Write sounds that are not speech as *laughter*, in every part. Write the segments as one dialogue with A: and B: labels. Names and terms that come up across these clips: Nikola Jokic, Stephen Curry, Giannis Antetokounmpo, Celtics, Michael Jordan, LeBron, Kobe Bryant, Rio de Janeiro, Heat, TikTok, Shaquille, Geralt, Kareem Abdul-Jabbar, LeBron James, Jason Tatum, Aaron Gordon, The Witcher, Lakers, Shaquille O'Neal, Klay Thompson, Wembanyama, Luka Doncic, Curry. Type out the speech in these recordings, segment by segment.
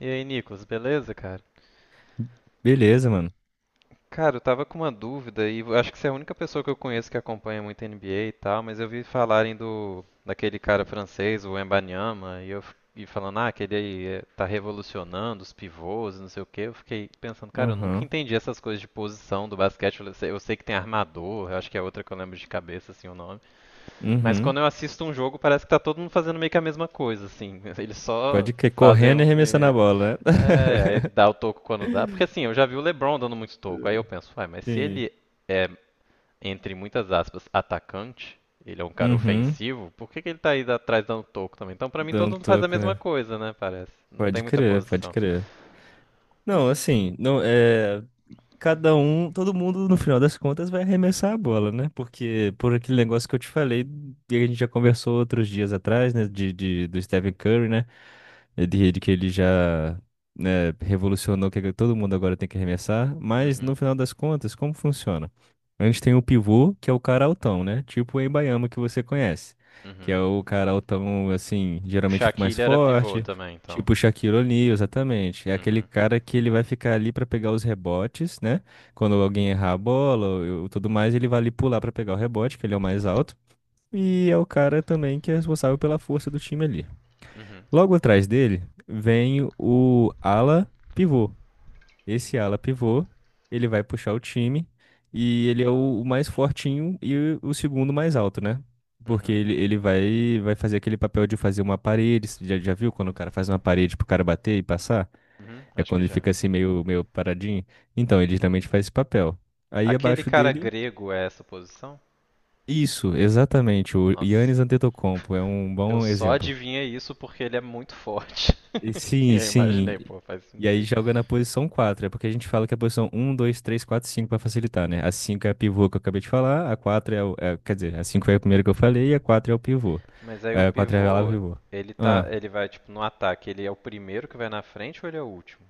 A: E aí, Nicolas, beleza, cara?
B: Beleza, mano.
A: Cara, eu tava com uma dúvida e acho que você é a única pessoa que eu conheço que acompanha muito NBA e tal, mas eu vi falarem do daquele cara francês, o Wembanyama, e falando, ah, aquele aí tá revolucionando os pivôs, e não sei o quê. Eu fiquei pensando, cara, eu nunca
B: Aham.
A: entendi essas coisas de posição do basquete. Eu sei que tem armador, eu acho que é outra que eu lembro de cabeça assim o nome. Mas
B: Uhum.
A: quando eu assisto um jogo, parece que tá todo mundo fazendo meio que a mesma coisa, assim. *laughs* Eles só
B: Pode que
A: fazem
B: correndo e
A: o
B: arremessando a
A: que.
B: bola, né?
A: É, aí dá o toco quando dá. Porque assim, eu já vi o LeBron dando muito toco. Aí eu
B: *laughs*
A: penso, uai, mas se
B: Sim.
A: ele é, entre muitas aspas, atacante, ele é um cara
B: Uhum.
A: ofensivo, por que que ele tá aí atrás dando toco também? Então pra mim
B: Dá
A: todo
B: um
A: mundo faz a
B: toco,
A: mesma
B: né?
A: coisa, né? Parece. Não tem
B: Pode
A: muita
B: crer, pode
A: posição.
B: crer. Não, assim, não é. Cada um, todo mundo no final das contas vai arremessar a bola, né? Porque por aquele negócio que eu te falei, e a gente já conversou outros dias atrás, né? Do Stephen Curry, né? É. De que ele já, né, revolucionou que todo mundo agora tem que arremessar. Mas no
A: Uhum,
B: final das contas, como funciona? A gente tem o pivô, que é o cara altão, né? Tipo o Embaiama que você conhece. Que é
A: uhum.
B: o cara altão, assim,
A: O
B: geralmente mais
A: Shaquille era pivô
B: forte.
A: também, então.
B: Tipo o Shaquille O'Neal, exatamente. É aquele
A: Uhum,
B: cara que ele vai ficar ali pra pegar os rebotes, né? Quando alguém errar a bola ou tudo mais, ele vai ali pular pra pegar o rebote, que ele é o mais alto. E é o cara também que é responsável pela força do time ali.
A: uhum,
B: Logo atrás dele vem o ala pivô, esse ala pivô, ele vai puxar o time e ele é o mais fortinho e o segundo mais alto, né? Porque
A: uhum,
B: ele vai, fazer aquele papel de fazer uma parede. Você já viu quando o cara faz uma parede pro cara bater e passar?
A: uhum.
B: É
A: Acho que
B: quando ele
A: já.
B: fica assim meio paradinho. Então, ele geralmente faz esse papel. Aí
A: Aquele
B: abaixo
A: cara
B: dele,
A: grego é essa posição?
B: isso, exatamente. O
A: Nossa,
B: Giannis Antetokounmpo é um
A: eu
B: bom
A: só
B: exemplo.
A: adivinhei isso porque ele é muito forte.
B: E
A: *laughs* E
B: sim,
A: eu
B: sim.
A: imaginei, pô, faz
B: E aí
A: sentido.
B: joga na posição quatro. É porque a gente fala que a posição um, dois, três, quatro, cinco, para facilitar, né? A 5 é a pivô que eu acabei de falar, a 4 é o. é- quer dizer, a 5 é a primeira que eu falei e a 4 é o pivô.
A: Mas aí o
B: É. A 4 é a ala
A: pivô,
B: pivô.
A: ele tá,
B: Ah.
A: ele vai tipo no ataque, ele é o primeiro que vai na frente ou ele é o último?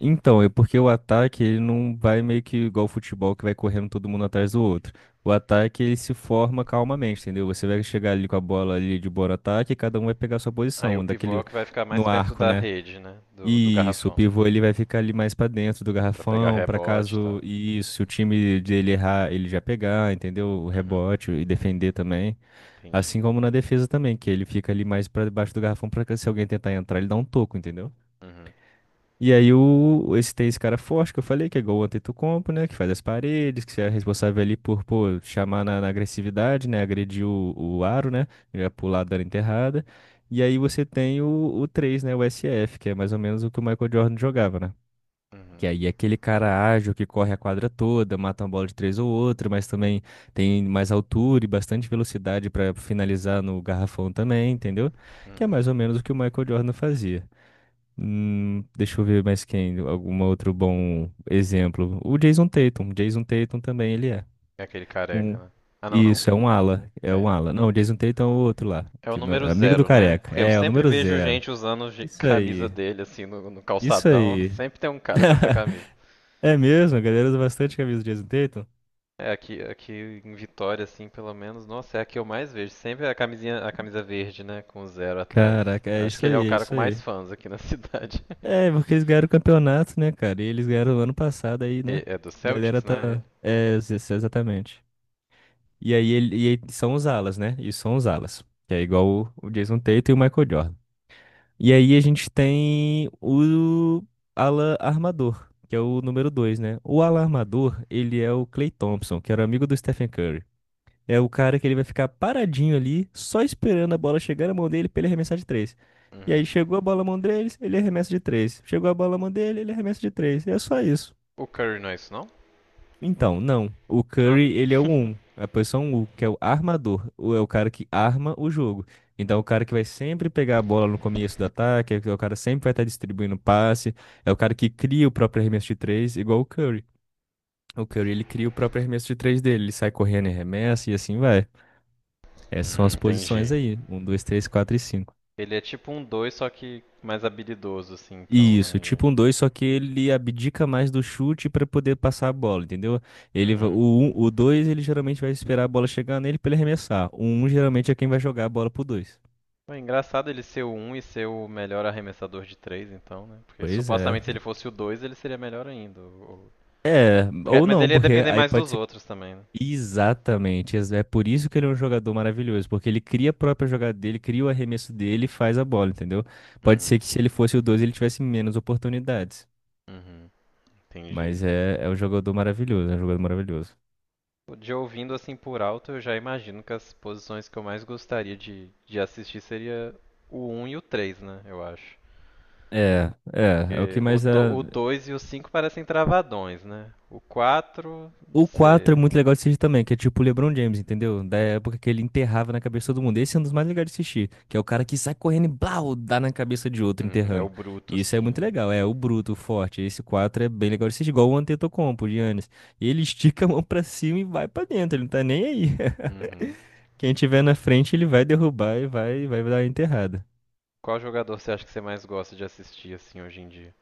B: Então, é porque o ataque ele não vai meio que igual o futebol que vai correndo todo mundo atrás do outro. O ataque ele se forma calmamente, entendeu? Você vai chegar ali com a bola ali de bora ataque e cada um vai pegar a sua
A: Aí o
B: posição,
A: pivô é o
B: daquele
A: que vai ficar
B: no
A: mais perto
B: arco,
A: da
B: né?
A: rede, né, do
B: Isso, o
A: garrafão.
B: pivô ele vai ficar ali mais pra dentro do
A: Pra pegar
B: garrafão, pra
A: rebote e tal,
B: caso
A: né?
B: isso, se o time dele errar, ele já pegar, entendeu? O
A: Uhum,
B: rebote e defender também,
A: entendi.
B: assim como na defesa também, que ele fica ali mais pra debaixo do garrafão para se alguém tentar entrar, ele dá um toco, entendeu?
A: Uhum,
B: E aí esse tem esse cara forte que eu falei, que é igual o Antetokounmpo, né? Que faz as paredes, que é responsável ali por, pô, chamar na agressividade, né? Agredir o aro, né? Já pular dando enterrada. E aí você tem o 3, né? O SF que é mais ou menos o que o Michael Jordan jogava, né? Que
A: uhum,
B: aí é aquele cara ágil que corre a quadra toda, mata uma bola de três ou outra, mas também tem mais altura e bastante velocidade pra finalizar no garrafão também, entendeu? Que é
A: uhum.
B: mais ou menos o que o Michael Jordan fazia. Deixa eu ver mais quem, algum outro bom exemplo. O Jason Tatum. Jason Tatum também ele é.
A: É aquele careca,
B: Um,
A: né? Ah, não, não.
B: isso, é um ala. É um
A: É,
B: ala. Não, o Jason Tatum é o outro lá.
A: é o
B: Que, não
A: número
B: é- amigo do
A: zero, né?
B: careca.
A: Porque eu
B: É, é o
A: sempre
B: número
A: vejo
B: zero.
A: gente usando *laughs*
B: Isso
A: camisa
B: aí.
A: dele assim no
B: Isso
A: calçadão, *laughs*
B: aí.
A: sempre tem um cara com essa camisa.
B: *laughs* É mesmo? A galera usa bastante camisa do Jason Tatum?
A: É, aqui em Vitória, assim, pelo menos, nossa, é a que eu mais vejo. Sempre é a camisinha, a camisa verde, né? Com o zero atrás.
B: Caraca, é
A: Acho que
B: isso
A: ele é o
B: aí, é
A: cara com
B: isso
A: mais
B: aí.
A: fãs aqui na *laughs* cidade.
B: É, porque eles ganharam o campeonato, né, cara? E eles ganharam ano passado aí, né?
A: É do
B: A galera
A: Celtics, né? Ele.
B: tá. É, exatamente. E aí, são os alas, né? E são os alas. Que é igual o Jason Tatum e o Michael Jordan. E aí a gente tem o ala armador, que é o número dois, né? O ala armador, ele é o Klay Thompson, que era amigo do Stephen Curry. É o cara que ele vai ficar paradinho ali, só esperando a bola chegar na mão dele pra ele arremessar de três. E aí
A: Uhum.
B: chegou a bola na mão deles, ele arremessa de três. Chegou a bola na mão dele, ele arremessa de três. E é só isso.
A: O Curry não é isso, não?
B: Então, não. O
A: Ah.
B: Curry, ele é o um.
A: *laughs*
B: A posição um que é o armador. É o cara que arma o jogo. Então, é o cara que vai sempre pegar a bola no começo do ataque, é o cara que sempre vai estar distribuindo passe, é o cara que cria o próprio arremesso de três, igual o Curry. O Curry, ele cria o próprio arremesso de três dele, ele sai correndo e arremessa e assim vai. Essas são as posições
A: Entendi.
B: aí, um, 2, 3, 4 e 5.
A: Ele é tipo um 2 só que mais habilidoso, assim, então,
B: Isso,
A: né?
B: tipo um 2, só que ele abdica mais do chute para poder passar a bola, entendeu?
A: de-
B: Ele, va-
A: Uhum.
B: o um- o 2, ele geralmente vai esperar a bola chegar nele para ele arremessar. O 1 geralmente é quem vai jogar a bola pro dois.
A: Pô, é engraçado ele ser o 1 e ser o melhor arremessador de 3 então, né? Porque
B: Pois é.
A: supostamente se ele fosse o 2 ele seria melhor ainda, o.
B: É, ou
A: Mas
B: não,
A: ele ia
B: porque
A: depender
B: aí
A: mais
B: pode
A: dos
B: ser.
A: outros também, né?
B: Exatamente. É por isso que ele é um jogador maravilhoso, porque ele cria a própria jogada dele, cria o arremesso dele e faz a bola, entendeu? Pode ser
A: Uhum,
B: que se ele fosse o 2, ele tivesse menos oportunidades.
A: uhum, entendi.
B: Mas é um jogador maravilhoso, é um jogador maravilhoso.
A: De ouvindo assim por alto, eu já imagino que as posições que eu mais gostaria de assistir seria o um e o 3, né? Eu acho.
B: É, é, é o que
A: Porque o,
B: mais
A: do,
B: dá.
A: o 2 e o 5 parecem travadões, né? O 4, não
B: O 4 é
A: sei.
B: muito legal de assistir também, que é tipo o LeBron James, entendeu? Da época que ele enterrava na cabeça de todo mundo. Esse é um dos mais legais de assistir, que é o cara que sai correndo e blau, dá na cabeça de outro
A: Uhum, é o
B: enterrando.
A: bruto,
B: E isso é
A: assim,
B: muito
A: né?
B: legal, é o bruto, o forte. Esse 4 é bem legal de assistir, igual o Antetokounmpo, o Giannis. Ele *laughs* estica a mão pra cima e vai pra dentro, ele não tá nem aí.
A: Uhum.
B: *laughs* Quem tiver na frente, ele vai derrubar e vai dar a enterrada.
A: Qual jogador você acha que você mais gosta de assistir, assim, hoje em dia?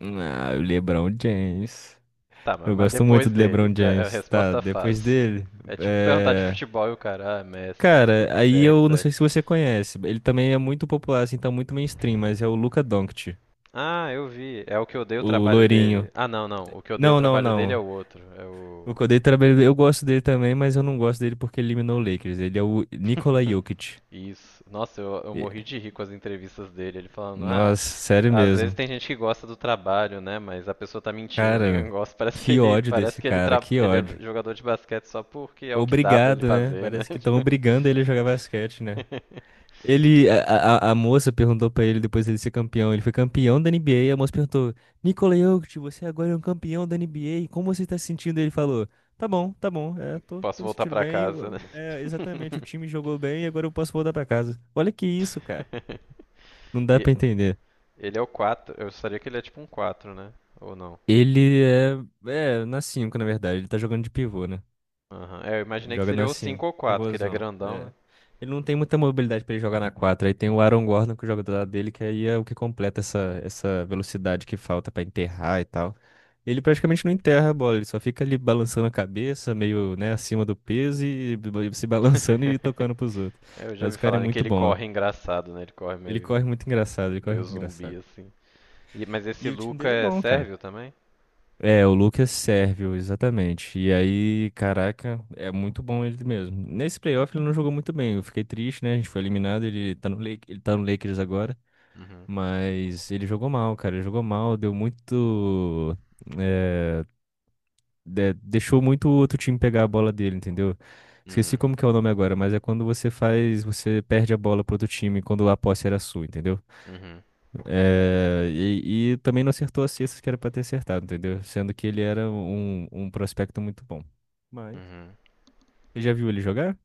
B: Ah, o LeBron James.
A: Tá,
B: Eu
A: mas
B: gosto muito
A: depois
B: do
A: dele,
B: LeBron
A: é a
B: James. Tá,
A: resposta
B: depois
A: fácil.
B: dele.
A: É tipo perguntar de
B: É.
A: futebol e o cara, ah, Messi,
B: Cara,
A: *laughs*
B: aí eu não
A: CR7.
B: sei se você conhece. Ele também é muito popular, assim, tá muito mainstream, mas é o Luka Doncic,
A: Ah, eu vi. É o que eu dei o
B: o
A: trabalho dele.
B: loirinho.
A: Ah, não, não. O que eu dei o
B: Não, não,
A: trabalho dele é
B: não.
A: o outro. É o.
B: O Kodai trabalhou, eu gosto dele também, mas eu não gosto dele porque ele eliminou o Lakers. Ele é o Nikola
A: *laughs*
B: Jokic.
A: Isso. Nossa, eu
B: E-
A: morri de rir com as entrevistas dele. Ele falando, ah,
B: Nossa, sério
A: às vezes
B: mesmo.
A: tem gente que gosta do trabalho, né? Mas a pessoa tá mentindo,
B: Cara,
A: ninguém *laughs* gosta. Parece que
B: que
A: ele,
B: ódio desse cara, que
A: ele é
B: ódio.
A: jogador de basquete só porque é o que dá pra ele
B: Obrigado, né?
A: fazer, né?
B: Parece que estão
A: *laughs*
B: obrigando ele a jogar basquete, né?
A: Tipo,
B: Ele, a, a moça perguntou pra ele depois dele ser campeão. Ele foi campeão da NBA. A moça perguntou: Nikola Jokic, você agora é um campeão da NBA. Como você tá se sentindo? Ele falou: Tá bom, tá bom. É, tô
A: posso
B: me
A: voltar
B: sentindo
A: pra
B: bem.
A: casa.
B: É, exatamente, o time jogou bem e agora eu posso voltar pra casa. Olha que isso, cara. Não
A: *laughs*
B: dá
A: E
B: pra entender.
A: ele é o 4? Eu gostaria que ele é tipo um 4, né? Ou não?
B: Ele é na 5, na verdade. Ele tá jogando de pivô, né?
A: Aham. É, eu
B: Ele
A: imaginei que
B: joga na
A: seria o 5
B: 5,
A: ou 4, que ele é
B: pivôzão.
A: grandão,
B: É.
A: né?
B: Ele não tem muita mobilidade pra ele jogar na 4. Aí tem o Aaron Gordon que joga do lado dele, que aí é o que completa essa velocidade que falta pra enterrar e tal. Ele praticamente não enterra a bola, ele só fica ali balançando a cabeça, meio, né, acima do peso e se *laughs* balançando e
A: *laughs*
B: tocando pros outros.
A: É, eu já
B: Mas
A: vi
B: o cara é
A: falarem que
B: muito
A: ele
B: bom.
A: corre engraçado, né? Ele corre
B: Ele
A: meio,
B: corre muito engraçado, ele corre
A: meio
B: muito
A: zumbi,
B: engraçado.
A: assim. Mas esse
B: E o time
A: Luca
B: dele é
A: é
B: bom, cara.
A: sérvio também?
B: É, o Lucas Sérvio, exatamente. E aí, caraca, é muito bom ele mesmo. Nesse playoff ele não jogou muito bem. Eu fiquei triste, né? A gente foi eliminado, ele tá no Lakers agora,
A: Uhum.
B: mas ele jogou mal, cara. Ele jogou mal, deu muito é, de- deixou muito o outro time pegar a bola dele, entendeu? Esqueci
A: Uhum.
B: como que é o nome agora, mas é quando você faz, você perde a bola pro outro time quando a posse era sua, entendeu?
A: Uhum.
B: É, e também não acertou as cestas que era pra ter acertado, entendeu? Sendo que ele era um prospecto muito bom. Mas.
A: Uhum.
B: Você já viu ele jogar?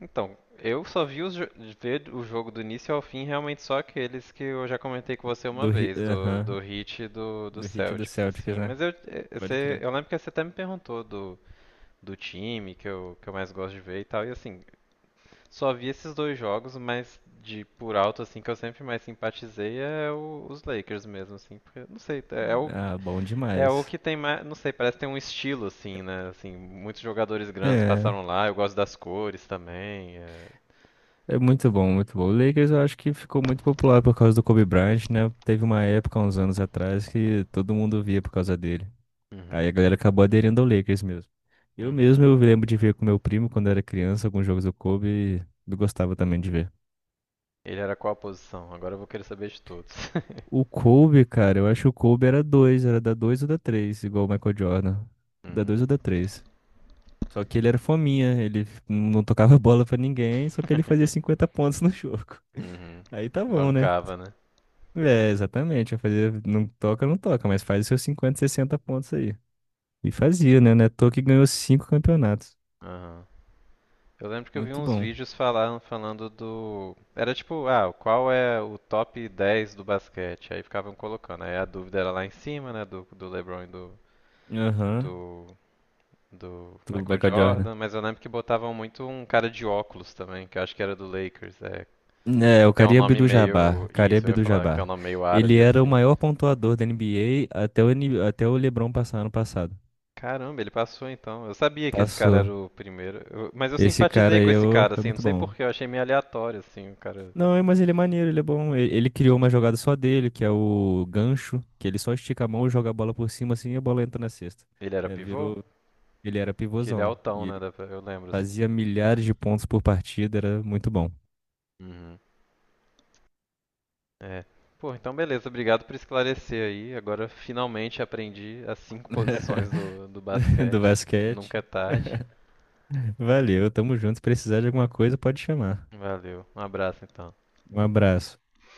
A: Então, eu só vi os jo- ver o jogo do início ao fim realmente só aqueles que eu já comentei com você uma
B: Do, Hi-
A: vez, do,
B: aham,
A: do Heat e do
B: do Heat e do
A: Celtics,
B: Celtics,
A: assim.
B: né?
A: Mas eu,
B: Pode
A: você,
B: crer.
A: eu lembro que você até me perguntou do, do time que eu mais gosto de ver e tal, e assim, só vi esses dois jogos, mas de por alto, assim, que eu sempre mais simpatizei é os Lakers mesmo, assim, porque, não sei, é o,
B: Ah, bom
A: é o
B: demais.
A: que tem mais, não sei, parece que tem um estilo, assim, né, assim, muitos jogadores grandes
B: É,
A: passaram lá, eu gosto das cores também, é...
B: é muito bom, muito bom. O Lakers eu acho que ficou muito popular por causa do Kobe Bryant, né? Teve uma época, uns anos atrás, que todo mundo via por causa dele. Aí a
A: Uhum.
B: galera acabou aderindo ao Lakers mesmo. Eu mesmo
A: Uhum.
B: eu lembro de ver com meu primo quando era criança alguns jogos do Kobe e eu gostava também de ver.
A: Ele era qual a posição? Agora eu vou querer saber de todos.
B: O
A: *laughs*
B: Kobe, cara, eu acho que o Kobe era dois, era da dois ou da três, igual o Michael Jordan. Da dois
A: Uhum.
B: ou da três. Só que ele era fominha, ele não tocava *laughs* bola pra ninguém, só que ele fazia
A: *laughs*
B: 50 pontos no jogo. *laughs*
A: Uhum.
B: Aí tá bom, né?
A: Bancava, né?
B: É, exatamente, vai fazer, não toca, não toca, mas faz os seus 50, 60 pontos aí. E fazia, né? Neto que ganhou cinco campeonatos.
A: Aham. Eu lembro que eu vi
B: Muito
A: uns
B: bom.
A: vídeos falando do. Era tipo, ah, qual é o top 10 do basquete? Aí ficavam colocando. Aí a dúvida era lá em cima, né? Do, do LeBron e
B: Aham,
A: do, do
B: do
A: Michael
B: Michael Jordan.
A: Jordan. Mas eu lembro que botavam muito um cara de óculos também, que eu acho que era do Lakers. É,
B: É, o
A: tem um
B: Kareem
A: nome
B: Abdul-Jabbar,
A: meio.
B: Kareem
A: Isso, eu ia falar que tem um
B: Abdul-Jabbar.
A: nome meio
B: Ele
A: árabe
B: era o
A: assim.
B: maior pontuador da NBA até o LeBron passar ano passado.
A: Caramba, ele passou então. Eu sabia que esse cara
B: Passou.
A: era o primeiro. Mas eu
B: Esse cara
A: simpatizei
B: aí
A: com esse cara,
B: foi
A: assim, não
B: muito
A: sei por
B: bom.
A: porquê, eu achei meio aleatório, assim, o cara.
B: Não, é, mas ele é maneiro, ele é bom. Criou uma jogada só dele, que é o gancho, que ele só estica a mão, joga a bola por cima assim e a bola entra na cesta.
A: Ele era
B: É,
A: pivô?
B: virou. Ele era
A: Que ele é
B: pivôzão.
A: altão,
B: E
A: né?
B: ele
A: Eu lembro, assim,
B: fazia
A: né?
B: milhares de pontos por partida, era muito bom.
A: Uhum. É. Pô, então beleza, obrigado por esclarecer aí. Agora finalmente aprendi as cinco posições do,
B: *laughs*
A: do
B: Do
A: basquete.
B: basquete.
A: Nunca é tarde.
B: *laughs* Valeu, tamo junto. Se precisar de alguma coisa, pode chamar.
A: Valeu, um abraço então.
B: Um abraço.